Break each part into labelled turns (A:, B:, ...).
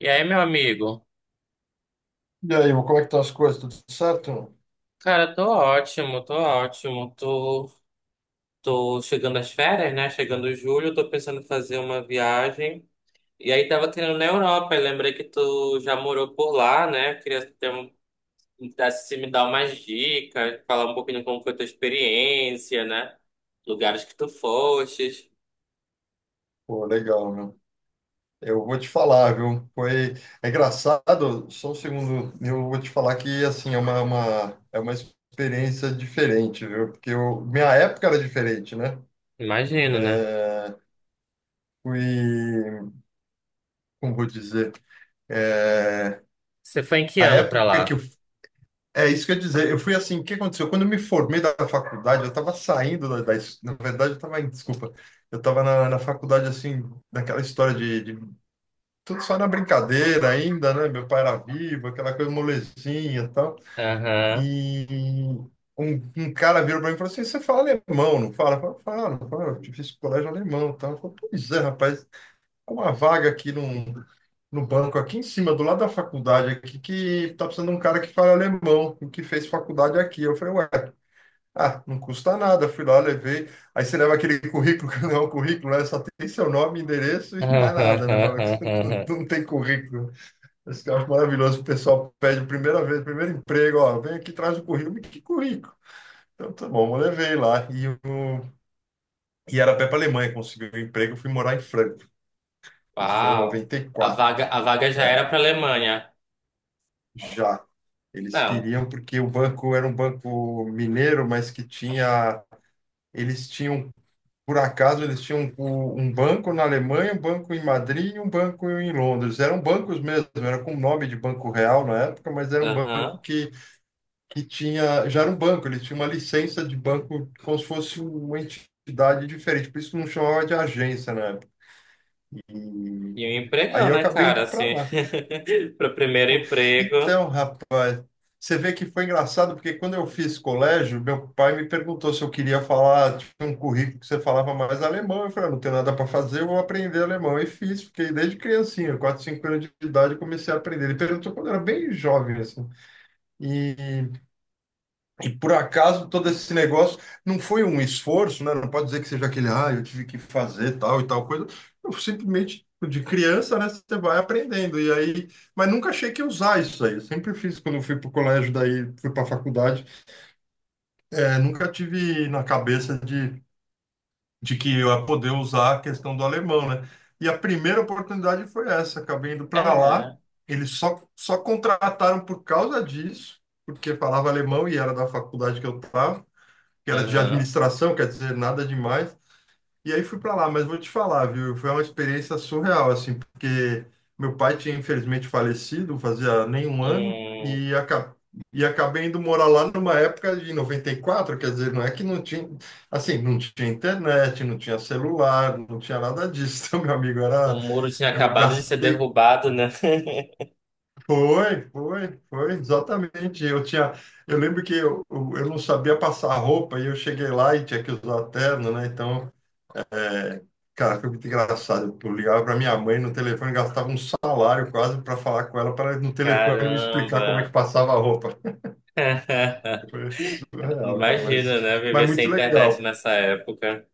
A: E aí, meu amigo?
B: E aí, meu, como é que estão as coisas? Tudo certo?
A: Cara, tô ótimo, tô ótimo. Tô chegando às férias, né? Chegando em julho, tô pensando em fazer uma viagem. E aí, tava querendo na Europa. Eu lembrei que tu já morou por lá, né? Queria ter um, dar- Se me dar umas dicas, falar um pouquinho como foi tua experiência, né? Lugares que tu fostes.
B: Pô, legal, meu. Eu vou te falar, viu? É engraçado, só um segundo. Eu vou te falar que, assim, é uma experiência diferente, viu? Minha época era diferente, né?
A: Imagino, né?
B: É... Fui... Como vou dizer? É...
A: Você foi em que
B: A
A: ano pra
B: época que
A: lá?
B: eu... É isso que eu ia dizer. Eu fui assim, o que aconteceu? Quando eu me formei da faculdade, eu estava saindo da... da... es- Na verdade, Desculpa. Eu estava na faculdade, assim, naquela história de tudo só na brincadeira ainda, né? Meu pai era vivo, aquela coisa molezinha e tal.
A: Aham.
B: E um, um cara virou para mim e falou assim: Você fala alemão, não fala? Eu falei, falo, falo, eu fiz colégio alemão e tal. Eu falei, pois é, rapaz, é uma vaga aqui no banco, aqui em cima, do lado da faculdade, aqui, que tá precisando de um cara que fala alemão, que fez faculdade aqui. Eu falei, ué, ah, não custa nada. Fui lá, levei. Aí você leva aquele currículo, que não é um currículo, né? Só tem seu nome, endereço e mais nada, né? Fala, não tem currículo. Esse que eu acho maravilhoso, o pessoal pede a primeira vez, primeiro emprego, ó, vem aqui, traz o currículo, mas que currículo? Então, tá bom, eu levei lá. E era pé para Alemanha, consegui o um emprego, fui morar em Franco. Isso foi em
A: Uau. A
B: 94.
A: vaga já
B: É,
A: era pra Alemanha.
B: já. Eles
A: Não,
B: queriam, porque o banco era um banco mineiro, mas que tinha. Eles tinham, por acaso, eles tinham um banco na Alemanha, um banco em Madrid e um banco em Londres. Eram bancos mesmo, era com o nome de Banco Real na época, mas era um banco
A: aham.
B: que tinha. Já era um banco, ele tinha uma licença de banco como se fosse uma entidade diferente, por isso que não chamava de agência na época. E
A: E um
B: aí
A: empregão,
B: eu
A: né,
B: acabei
A: cara?
B: indo para
A: Assim,
B: lá.
A: pro primeiro
B: Pô,
A: emprego.
B: então, rapaz, você vê que foi engraçado, porque quando eu fiz colégio, meu pai me perguntou se eu queria falar, tipo, um currículo que você falava mais alemão. Eu falei, "Ah, não tenho nada para fazer, eu vou aprender alemão." E fiz, fiquei desde criancinha, 4, 5 anos de idade, eu comecei a aprender. Ele perguntou quando eu era bem jovem, assim. E E por acaso todo esse negócio não foi um esforço, né? Não pode dizer que seja aquele, ah, eu tive que fazer tal e tal coisa. Eu simplesmente, de criança, né, você vai aprendendo. E aí, mas nunca achei que ia usar isso aí. Eu sempre fiz quando eu fui para o colégio, daí fui para a faculdade. É, nunca tive na cabeça de que eu ia poder usar a questão do alemão, né? E a primeira oportunidade foi essa. Acabei indo para lá.
A: É,
B: Eles só contrataram por causa disso, porque falava alemão e era da faculdade que eu estava, que era de
A: aham.
B: administração, quer dizer, nada demais. E aí fui para lá, mas vou te falar, viu? Foi uma experiência surreal, assim, porque meu pai tinha infelizmente falecido, fazia nem um ano,
A: Um,
B: e, e acabei indo morar lá numa época de 94, quer dizer, não é que não tinha, assim, não tinha internet, não tinha celular, não tinha nada disso, meu amigo, era,
A: o muro tinha
B: eu
A: acabado de ser
B: gastei
A: derrubado, né?
B: exatamente. Eu lembro que eu não sabia passar roupa e eu cheguei lá e tinha que usar terno, né? Então, é, cara, foi muito engraçado. Eu ligava para minha mãe no telefone, gastava um salário quase para falar com ela, para no telefone me explicar como é que
A: Caramba.
B: passava a roupa. Foi surreal, cara, mas,
A: Imagina, né?
B: mas
A: Viver
B: muito
A: sem internet
B: legal.
A: nessa época.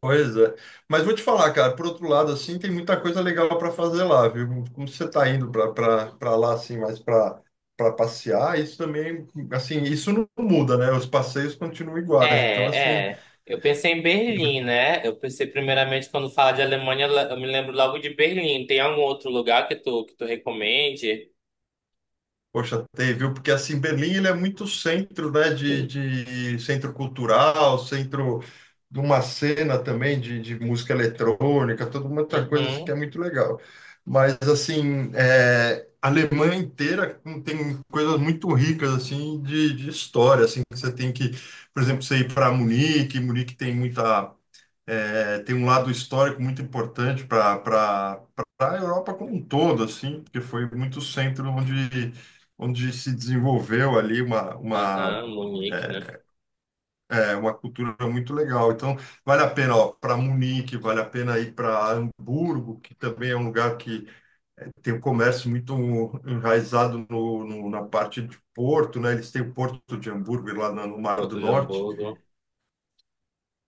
B: Pois é. Mas vou te falar, cara, por outro lado, assim, tem muita coisa legal para fazer lá, viu? Como você está indo para lá, assim, mais para passear, isso também, assim, isso não muda, né? Os passeios continuam iguais. Então, assim,
A: É, é. Eu pensei em Berlim, né? Eu pensei primeiramente quando fala de Alemanha, eu me lembro logo de Berlim. Tem algum outro lugar que tu recomende?
B: poxa, teve, viu? Porque assim, Berlim ele é muito centro, né? De centro cultural, centro de uma cena também de música eletrônica, toda uma outra coisa assim, que é
A: Uhum.
B: muito legal. Mas assim, é, a Alemanha inteira tem coisas muito ricas assim de história, assim que você tem que, por exemplo, você ir para Munique. Munique tem um lado histórico muito importante para a Europa como um todo, assim, porque foi muito centro onde se desenvolveu ali
A: Aham, Munique, né?
B: é, uma cultura muito legal. Então, vale a pena ó para Munique, vale a pena ir para Hamburgo, que também é um lugar que tem um comércio muito enraizado na parte de Porto, né? Eles têm o Porto de Hamburgo lá no Mar do
A: Porto de
B: Norte.
A: Hamburgo.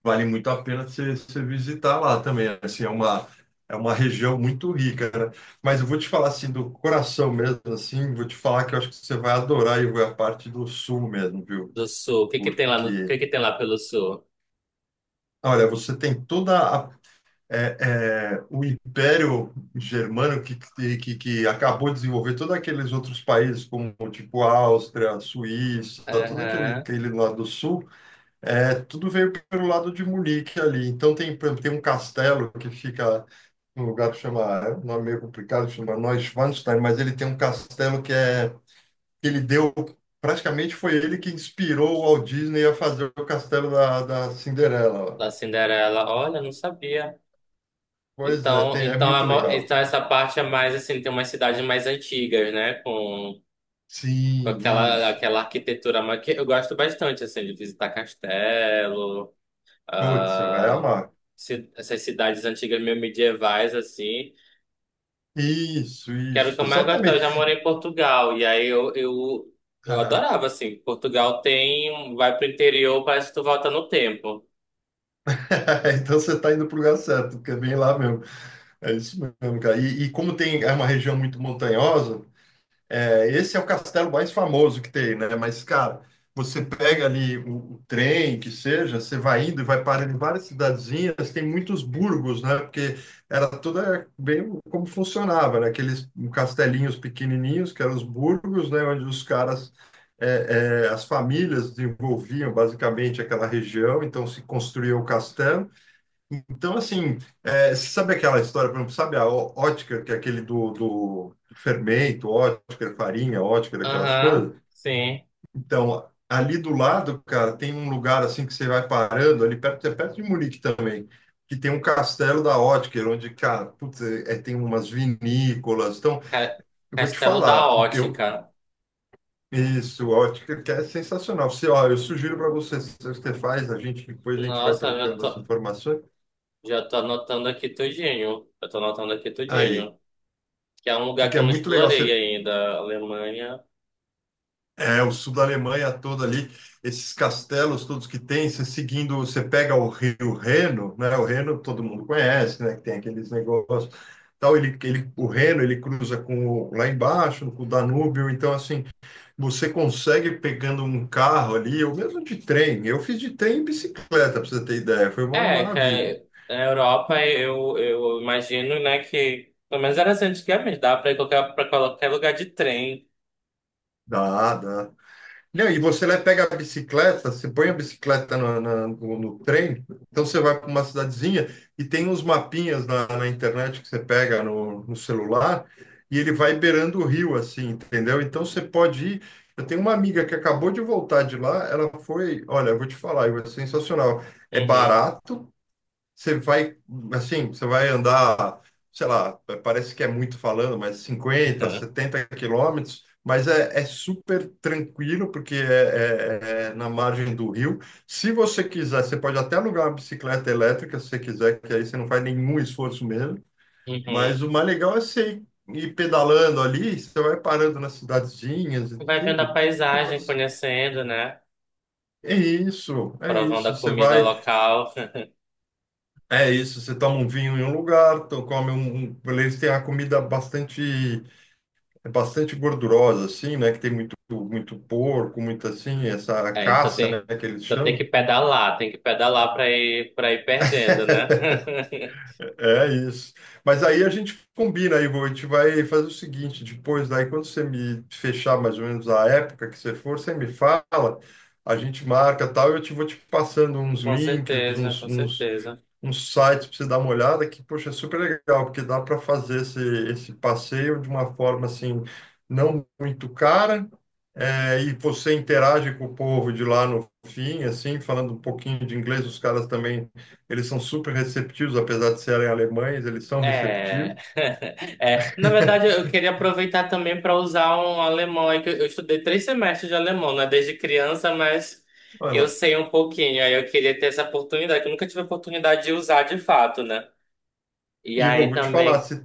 B: Vale muito a pena você visitar lá também. Assim, é uma região muito rica, né? Mas eu vou te falar assim do coração mesmo, assim, vou te falar que eu acho que você vai adorar e a parte do sul mesmo, viu?
A: Do sul. O que que tem lá no, o
B: Porque,
A: que que tem lá pelo sul?
B: olha, você tem toda a o Império Germânico que acabou de desenvolver todos aqueles outros países, como tipo Áustria, Suíça, todo aquele,
A: Aham.
B: aquele lado do sul. É, tudo veio pelo lado de Munique ali. Então tem, por exemplo, tem um castelo que fica num lugar que chama, é um nome meio complicado, chama Neuschwanstein, mas ele tem um castelo que é que ele deu, praticamente foi ele que inspirou o Walt Disney a fazer o castelo da Cinderela lá.
A: Da Cinderela. Olha, não sabia.
B: Pois é,
A: Então,
B: é
A: então, é
B: muito
A: mo-
B: legal.
A: então essa parte é mais assim, tem umas cidades mais antigas, né? Com
B: Sim,
A: aquela,
B: isso.
A: aquela arquitetura mais que eu gosto bastante, assim, de visitar castelo,
B: Putz, você vai
A: ah,
B: amar.
A: essas cidades antigas meio medievais, assim,
B: Isso,
A: que era o que
B: isso,
A: eu mais gostava. Eu
B: exatamente.
A: já morei em Portugal. E eu adorava, assim. Portugal tem. Vai pro interior, parece que tu volta no tempo.
B: Então você está indo para o lugar certo, porque é bem lá mesmo. É isso mesmo, cara. E como tem, é uma região muito montanhosa, é, esse é o castelo mais famoso que tem, né? Mas, cara, você pega ali o trem, que seja, você vai indo e vai parando em várias cidadezinhas, tem muitos burgos, né? Porque era toda bem como funcionava, né? Aqueles castelinhos pequenininhos, que eram os burgos, né? Onde os caras, as famílias desenvolviam basicamente aquela região, então se construía o castelo. Então, assim, sabe aquela história, por exemplo, sabe a Ótker, que é aquele do fermento, Ótker, farinha, Ótker, aquelas
A: Aham,
B: coisas?
A: sim.
B: Então, ali do lado, cara, tem um lugar assim que você vai parando, ali perto, é perto de Munique também, que tem um castelo da Ótker, onde, cara, putz, tem umas vinícolas. Então,
A: Ca-
B: eu vou te
A: Castelo da
B: falar, o que eu,
A: Ótica.
B: isso, Ótker, que é sensacional. Você, ó, eu sugiro para você, se você faz, a gente, depois a gente vai
A: Nossa,
B: trocando as informações.
A: já tô anotando aqui tudinho. Eu tô anotando aqui
B: Aí.
A: tudinho. Que é um lugar que
B: Porque
A: eu
B: é
A: não
B: muito legal.
A: explorei
B: Você
A: ainda, Alemanha.
B: É, o sul da Alemanha todo ali, esses castelos todos que tem, você seguindo, você pega o rio Reno, né? O Reno todo mundo conhece, né? Que tem aqueles negócios, tal, o Reno, ele cruza com o, lá embaixo, com o Danúbio, então assim, você consegue pegando um carro ali, ou mesmo de trem. Eu fiz de trem e bicicleta, para você ter ideia, foi uma
A: É, que
B: maravilha.
A: é, na Europa eu imagino, né, que pelo menos era assim antigamente, dá pra ir pra qualquer lugar de trem.
B: Dá, dá. Não, e você lá pega a bicicleta, você põe a bicicleta no trem, então você vai para uma cidadezinha e tem uns mapinhas na internet que você pega no celular e ele vai beirando o rio, assim, entendeu? Então você pode ir. Eu tenho uma amiga que acabou de voltar de lá, ela foi, olha, eu vou te falar, é sensacional. É
A: Uhum.
B: barato, você vai, assim, você vai andar, sei lá, parece que é muito falando, mas cinquenta
A: Aham.
B: setenta quilômetros, mas é, é- super tranquilo, porque é na margem do rio. Se você quiser, você pode até alugar uma bicicleta elétrica, se você quiser, que aí você não faz nenhum esforço mesmo. Mas
A: Uhum.
B: o mais legal é você ir pedalando ali, você vai parando nas cidadezinhas e
A: Vai vendo a
B: tudo.
A: paisagem,
B: Nossa,
A: conhecendo, né?
B: é isso, é
A: Provando
B: isso.
A: a
B: Você
A: comida
B: vai.
A: local.
B: É isso, você toma um vinho em um lugar. Eles têm a comida bastante gordurosa assim, né, que tem muito muito porco, muito assim, essa
A: É,
B: caça, né, que eles
A: então tem que
B: chamam.
A: pedalar, para ir perdendo, né?
B: É isso. Mas aí a gente combina, Ivo, a gente vai fazer o seguinte, depois daí quando você me fechar mais ou menos a época que você for, você me fala, a gente marca tal, eu te vou te passando uns
A: Com
B: links,
A: certeza,
B: uns,
A: com
B: uns
A: certeza.
B: um site para você dar uma olhada que, poxa, é super legal, porque dá para fazer esse passeio de uma forma assim, não muito cara, e você interage com o povo de lá no fim, assim, falando um pouquinho de inglês. Os caras também, eles são super receptivos, apesar de serem alemães, eles são
A: É,
B: receptivos.
A: é, na verdade, eu queria aproveitar também para usar um alemão aí, que eu estudei 3 semestres de alemão, né, desde criança, mas
B: Olha
A: eu
B: lá.
A: sei um pouquinho, aí eu queria ter essa oportunidade, que eu nunca tive a oportunidade de usar de fato, né? E
B: E eu
A: aí
B: vou te falar,
A: também.
B: se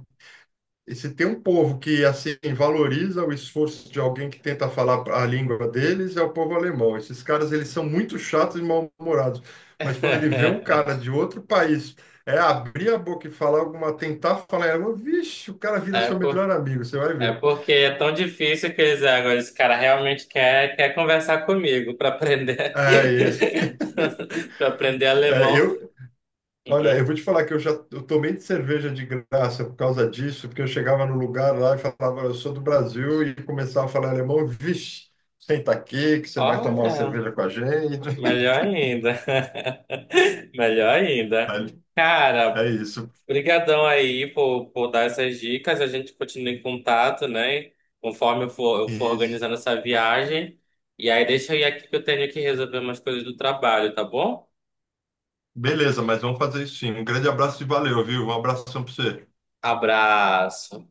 B: E se tem um povo que assim valoriza o esforço de alguém que tenta falar a língua deles, é o povo alemão. Esses caras eles são muito chatos e mal-humorados. Mas quando ele vê um cara de outro país é abrir a boca e falar alguma, tentar falar, ela, vixe, o cara vira seu
A: É.
B: melhor amigo, você vai
A: É
B: ver.
A: porque é tão difícil que eles, ah, agora esse cara realmente quer conversar comigo para aprender,
B: É, e-
A: para aprender
B: é,
A: alemão.
B: eu, olha, eu
A: Uhum.
B: vou te falar que eu já eu tomei de cerveja de graça por causa disso, porque eu chegava no lugar lá e falava, eu sou do Brasil, e começava a falar alemão, vixe, senta aqui que você vai tomar uma
A: Olha,
B: cerveja com a gente.
A: melhor ainda, melhor ainda.
B: Vale.
A: Cara,
B: É isso.
A: brigadão aí por dar essas dicas. A gente continua em contato, né? Conforme eu for
B: Isso.
A: organizando essa viagem. E aí deixa eu ir aqui que eu tenho que resolver umas coisas do trabalho, tá bom?
B: Beleza, mas vamos fazer isso sim. Um grande abraço e valeu, viu? Um abração para você.
A: Abraço.